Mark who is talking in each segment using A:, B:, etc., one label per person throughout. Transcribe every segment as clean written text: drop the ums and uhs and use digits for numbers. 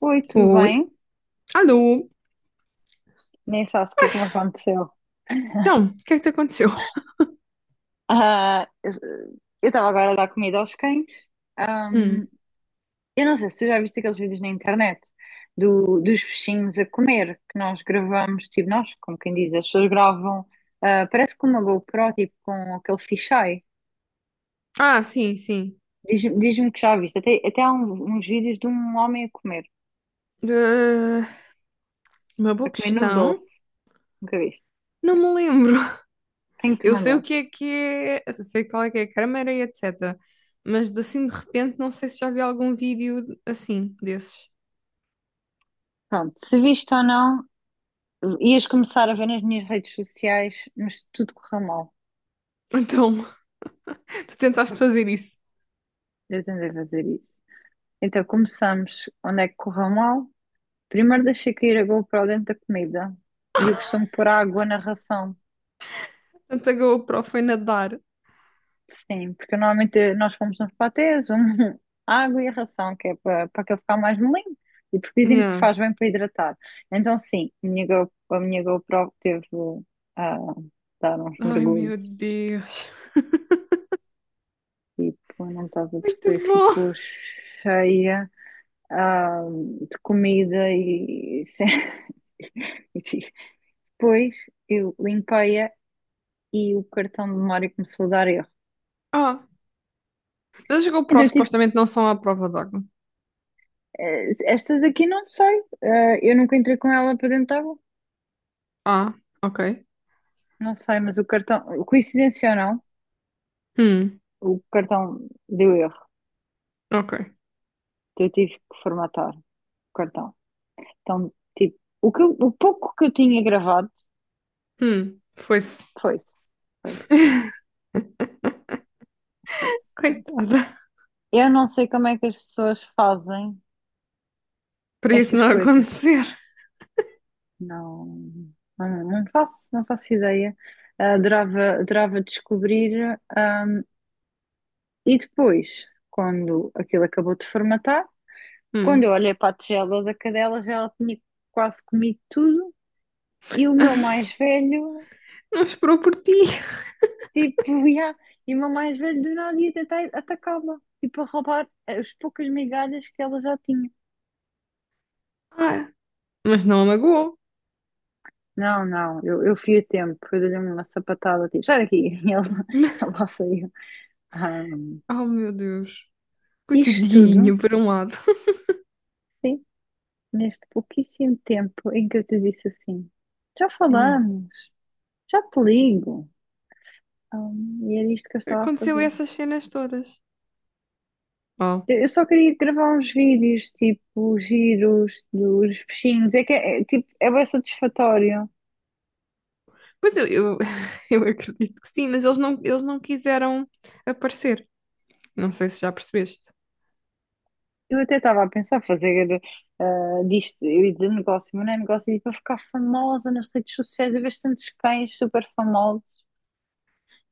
A: Oi, tudo
B: Oi.
A: bem?
B: Alô.
A: Nem sabes o que é que me aconteceu.
B: Então, o que é que te aconteceu?
A: Ah, eu eu estava agora a dar comida aos cães.
B: Hum.
A: Eu não sei se tu já viste aqueles vídeos na internet dos peixinhos a comer, que nós gravamos, tipo nós, como quem diz, as pessoas gravam, parece com uma GoPro, tipo com aquele fisheye.
B: Ah, sim, sim.
A: Diz-me que já viste. Até há uns vídeos de um homem
B: Ah, uma boa
A: a comer
B: questão.
A: noodles. Nunca viste.
B: Não me lembro.
A: Tenho-te
B: Eu sei o
A: mandado.
B: que é, eu sei qual é que é a câmera e etc. Mas de assim de repente não sei se já vi algum vídeo assim desses.
A: Pronto, se viste ou não, ias começar a ver nas minhas redes sociais, mas tudo correu mal.
B: Então, tu tentaste fazer isso.
A: Eu tentei fazer isso. Então começamos onde é que correu mal. Primeiro deixei cair a GoPro dentro da comida. E eu costumo pôr água na ração.
B: Tanto a GoPro foi nadar.
A: Sim, porque normalmente nós pomos uns patês, um, água e a ração, que é para aquele ficar mais molinho. E porque dizem que
B: Yeah.
A: faz bem para hidratar. Então sim, a minha, a minha GoPro teve a dar uns
B: Ai
A: mergulhos.
B: meu Deus.
A: Tipo, não estás a
B: Muito
A: perceber, ficou
B: bom.
A: cheia. ah, de comida e. Enfim. Depois eu limpei-a e o cartão de memória começou a dar erro.
B: Ah, mas as GoPro
A: Então eu tive
B: supostamente
A: que.
B: não são à prova d'água.
A: Estas aqui não sei. Eu nunca entrei com ela para dentro da água.
B: Ah, ok.
A: Não sei, mas o cartão. Coincidência ou não,
B: Hum,
A: o cartão deu erro.
B: ok.
A: Então eu tive que formatar o cartão. Então, tipo, o pouco que eu tinha gravado
B: Foi.
A: foi-se. Foi-se. Foi-se. Portanto,
B: Coitada.
A: eu não sei como é que as pessoas fazem
B: Para isso
A: estas
B: não
A: coisas.
B: acontecer.
A: Não, não, não faço ideia. Adorava, adorava descobrir. E depois, quando aquilo acabou de formatar, quando eu
B: Hum.
A: olhei para a tigela da cadela, já ela tinha quase comido tudo. E o meu mais velho,
B: Não esperou por ti.
A: tipo, ia, e o meu mais velho do nada ia tentar atacá-la, tipo, a roubar as poucas migalhas que ela já tinha.
B: Ah, mas não a magoou.
A: Não, não, eu fui a tempo, eu dei-lhe uma sapatada, tipo, sai daqui, e ela, ela saiu. Ah,
B: Oh, meu Deus.
A: isto tudo.
B: Coitadinho, por um lado.
A: Sim, neste pouquíssimo tempo em que eu te disse assim: já
B: Yeah.
A: falamos, já te ligo. E era isto que eu estava a
B: Aconteceu
A: fazer.
B: essas cenas todas. Oh.
A: Eu só queria gravar uns vídeos, tipo, giros dos peixinhos. É que é, tipo, é bem satisfatório.
B: Pois eu, eu acredito que sim, mas eles não quiseram aparecer. Não sei se já percebeste.
A: Eu até estava a pensar fazer disto, eu ia dizer negócio, mas não é negócio, é para ficar famosa nas redes sociais. Eu vejo tantos cães super famosos.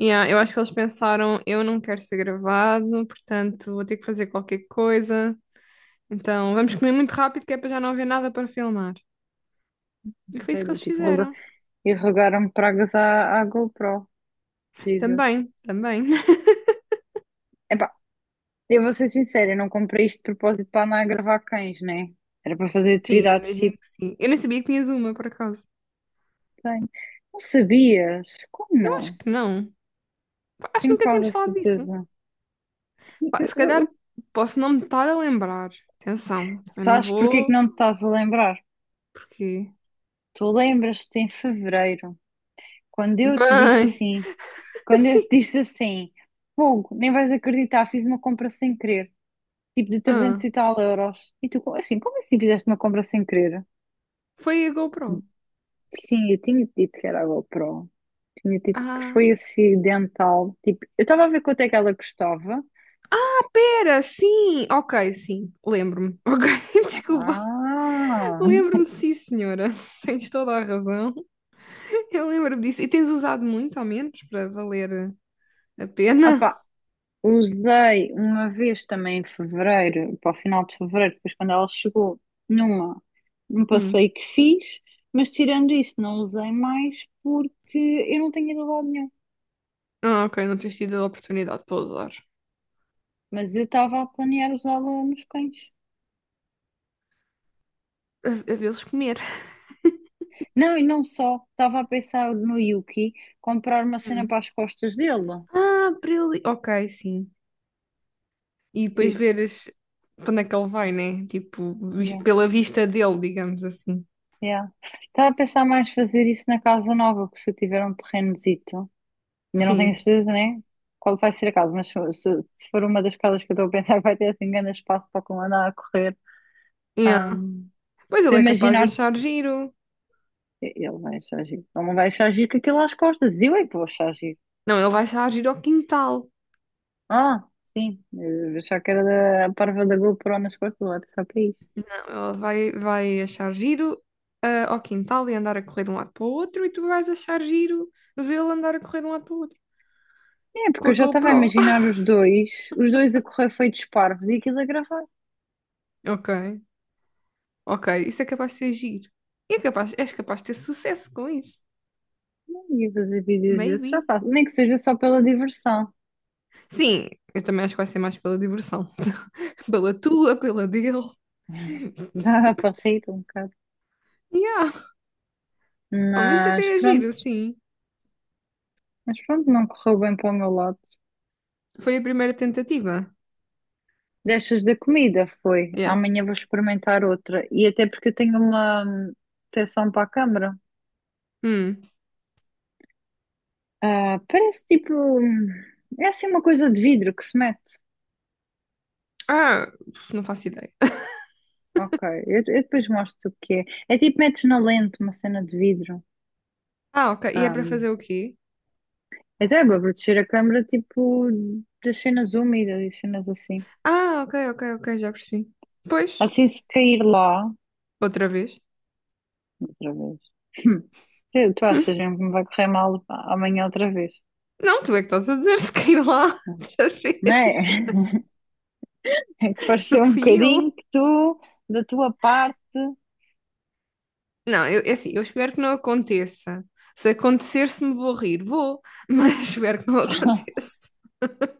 B: Yeah, eu acho que eles pensaram, eu não quero ser gravado, portanto vou ter que fazer qualquer coisa. Então vamos comer muito rápido, que é para já não haver nada para filmar. E foi isso que
A: Sério,
B: eles
A: tipo,
B: fizeram.
A: e rogaram-me pragas à GoPro. Jesus.
B: Também, também.
A: Eu vou ser sincera, eu não comprei isto de propósito para andar a gravar cães, né? Era para fazer
B: Sim, eu
A: atividades
B: imagino
A: tipo
B: que sim. Eu nem sabia que tinhas uma, por acaso.
A: cães. Não sabias? Como
B: Eu acho
A: não?
B: que não. Pá, acho que
A: Tenho
B: nunca tínhamos
A: quase a
B: falado disso.
A: certeza.
B: Pá,
A: Eu,
B: se calhar
A: eu-
B: posso não me estar a lembrar. Atenção, também não
A: Sabes porque é que
B: vou,
A: não te estás a lembrar?
B: porque.
A: Tu lembras-te em fevereiro, quando eu te disse
B: Bem,
A: assim, quando eu te
B: assim.
A: disse assim, Fogo, nem vais acreditar, fiz uma compra sem querer, tipo de 300
B: Ah,
A: e tal euros. E tu, assim, como assim fizeste uma compra sem querer?
B: foi a GoPro.
A: Sim, eu tinha-te dito que era a GoPro. Tinha tipo que
B: Ah,
A: foi acidental. Tipo, eu estava a ver quanto é que ela custava.
B: era, sim. Ok, sim, lembro-me. Ok, desculpa.
A: Ah,
B: Lembro-me, sim, senhora. Tens toda a razão. Eu lembro-me disso. E tens usado muito, ao menos, para valer a pena?
A: opá, usei uma vez também em fevereiro, para o final de fevereiro, depois quando ela chegou, numa, num
B: Hum.
A: passeio que fiz, mas tirando isso, não usei mais porque eu não tenho ido a lado nenhum.
B: Ah, ok, não tens tido a oportunidade para usar.
A: Mas eu estava a planear usá-la nos cães.
B: A vê-los comer.
A: Não, e não só. Estava a pensar no Yuki comprar uma cena
B: Hum.
A: para as costas dele.
B: Ah, para ele. Ok, sim. E depois
A: Tipo,
B: veres para onde é que ele vai, né? Tipo, vis-
A: yeah.
B: pela vista dele, digamos assim.
A: Yeah. Estava a pensar mais fazer isso na casa nova, porque se eu tiver um terrenozito, ainda não tenho
B: Sim.
A: certeza, né? Qual vai ser a casa, mas se for uma das casas que eu estou a pensar, vai ter assim grande espaço para como andar a correr.
B: Yeah.
A: Ahm,
B: Pois
A: Estou
B: ele
A: a
B: é capaz de
A: imaginar,
B: achar giro.
A: ele vai achar giro, ele não vai achar giro com aquilo às costas, e eu é que vou achar giro.
B: Não, ele vai achar giro ao quintal.
A: Ah, sim, eu achava que era a parva da GoPro nas costas, ele vai pensar para isso.
B: Não, ele vai, vai achar giro ao quintal e andar a correr de um lado para o outro e tu vais achar giro vê-lo andar a correr de um lado para o outro
A: É,
B: com
A: porque
B: a
A: eu já estava a
B: GoPro.
A: imaginar os dois a correr feitos parvos e aquilo a gravar.
B: Ok. Ok, isso é capaz de ser giro. E é capaz, és capaz de ter sucesso com isso.
A: E fazer vídeos desses, já
B: Maybe.
A: faço. Nem que seja só pela diversão.
B: Sim, eu também acho que vai ser mais pela diversão. Pela tua, pela dele.
A: Dá para rir um bocado.
B: Yeah. Oh, mas isso
A: Mas
B: até é giro,
A: pronto,
B: sim.
A: mas pronto, não correu bem para o meu lado.
B: Foi a primeira tentativa.
A: Destas da comida foi.
B: Yeah.
A: Amanhã vou experimentar outra. E até porque eu tenho uma proteção para a câmara.
B: Hum.
A: Parece tipo. É assim uma coisa de vidro que se mete.
B: Ah, não faço ideia.
A: Ok, eu depois mostro o que é. É tipo metes na lente uma cena de vidro.
B: Ah, ok. E é para
A: Ah,
B: fazer o quê?
A: até é para proteger a câmara tipo das cenas úmidas e cenas assim.
B: Ah, ok, ok, ok, já percebi. Pois,
A: Assim, se cair lá,
B: outra vez.
A: outra vez. Tu
B: Hum.
A: achas mesmo que me vai correr mal amanhã outra vez?
B: Não, tu é que estás a dizer se quer ir lá outra
A: Não
B: vez.
A: é? É que
B: Não
A: pareceu um
B: fui
A: bocadinho
B: eu.
A: que tu, da tua parte,
B: Não, eu, é assim, eu espero que não aconteça. Se acontecer, se me vou rir, vou, mas espero que não aconteça.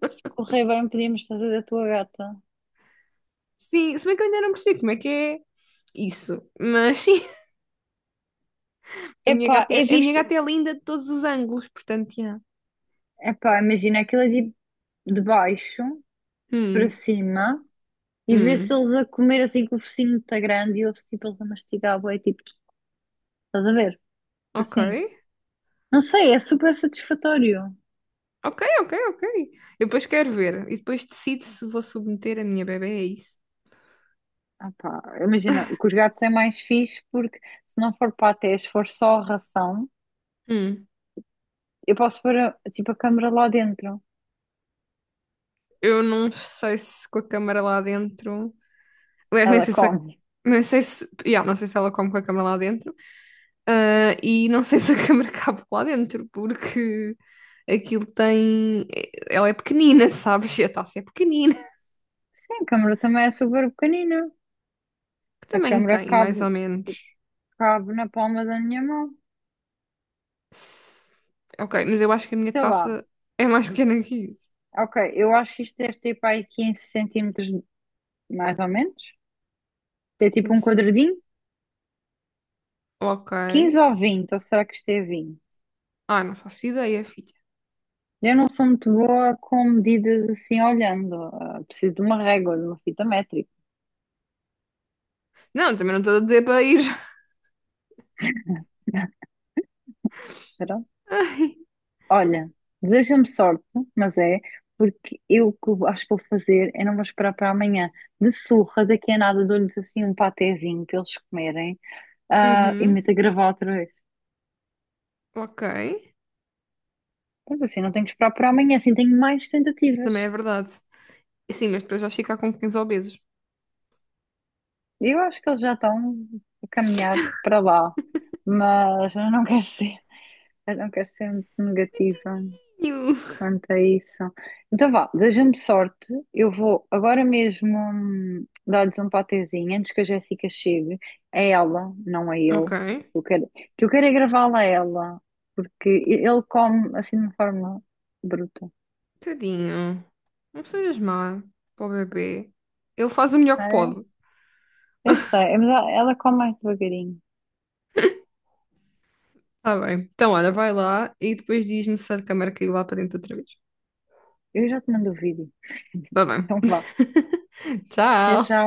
A: se correr bem, podíamos fazer da tua gata.
B: Sim, se bem que eu ainda não percebi como é que é isso. Mas sim, a minha
A: Epá,
B: gata
A: é
B: é, a minha
A: visto.
B: gata é linda de todos os ângulos, portanto, yeah.
A: Epá, imagina aquilo é tipo de baixo para
B: Hum,
A: cima e ver se
B: hum,
A: eles a comer assim com o focinho está grande e ouve-se tipo eles a mastigar, bué, tipo, estás a ver? Tipo
B: ok.
A: assim. Não sei, é super satisfatório.
B: Ok, ok, ok. Eu depois quero ver e depois decido se vou submeter a minha bebé a isso.
A: Ah pá, imagina, o que os gatos é mais fixe porque se não for patê, se for só ração,
B: Hum,
A: eu posso pôr tipo a câmara lá dentro.
B: eu não sei se com a câmara lá dentro. Aliás, nem
A: Ela
B: sei se a-
A: come.
B: nem sei se, yeah, não sei se ela come com a câmara lá dentro. Ah, e não sei se a câmara cabe lá dentro, porque aquilo tem. É, ela é pequenina, sabes? E a taça é pequenina.
A: Sim, a câmara também é super pequenina.
B: Que
A: A
B: tamanho
A: câmara
B: tem, mais
A: cabe,
B: ou menos?
A: cabe na palma da minha mão.
B: S- Ok, mas eu acho que a minha
A: Sei lá.
B: taça é mais pequena que isso.
A: Ok, eu acho que isto deve ter para aí 15 centímetros, mais ou menos. É tipo um
B: Isso.
A: quadradinho.
B: Ok.
A: 15 ou 20 ou será que isto é 20.
B: Ah, não faço ideia, filha.
A: Eu não sou muito boa com medidas assim olhando. Ah, preciso de uma régua, de uma fita métrica.
B: Não, também não estou a dizer para ir. Ai.
A: Olha, deseja-me sorte, mas é, porque eu o que eu acho que vou fazer é não vou esperar para amanhã. De surra, daqui a nada dou-lhes assim um patezinho para eles comerem, e
B: Uhum.
A: meto a gravar outra vez.
B: Ok.
A: Mas assim, não tenho que esperar para amanhã, assim tenho mais
B: Também
A: tentativas.
B: é verdade. Sim, mas depois vais ficar com 15 obesos.
A: Eu acho que eles já estão a caminhar para lá, mas eu não quero ser muito negativa.
B: Coitadinho.
A: Quanto a isso. Então vá, deseja-me sorte. Eu vou agora mesmo dar-lhes um patezinho antes que a Jéssica chegue. É ela, não é eu.
B: Ok.
A: Eu quero, que eu quero é gravá-la a ela, porque ele come assim de uma forma bruta.
B: Tadinho. Não sejas má para o bebê. Ele faz o melhor que
A: É,
B: pode.
A: eu sei, mas ela come mais devagarinho.
B: Tá bem. Então, olha, vai lá e depois diz-me se a câmera caiu lá para dentro outra vez.
A: Eu já te mando o vídeo.
B: Tá bem.
A: Então vá, até
B: Tchau.
A: já.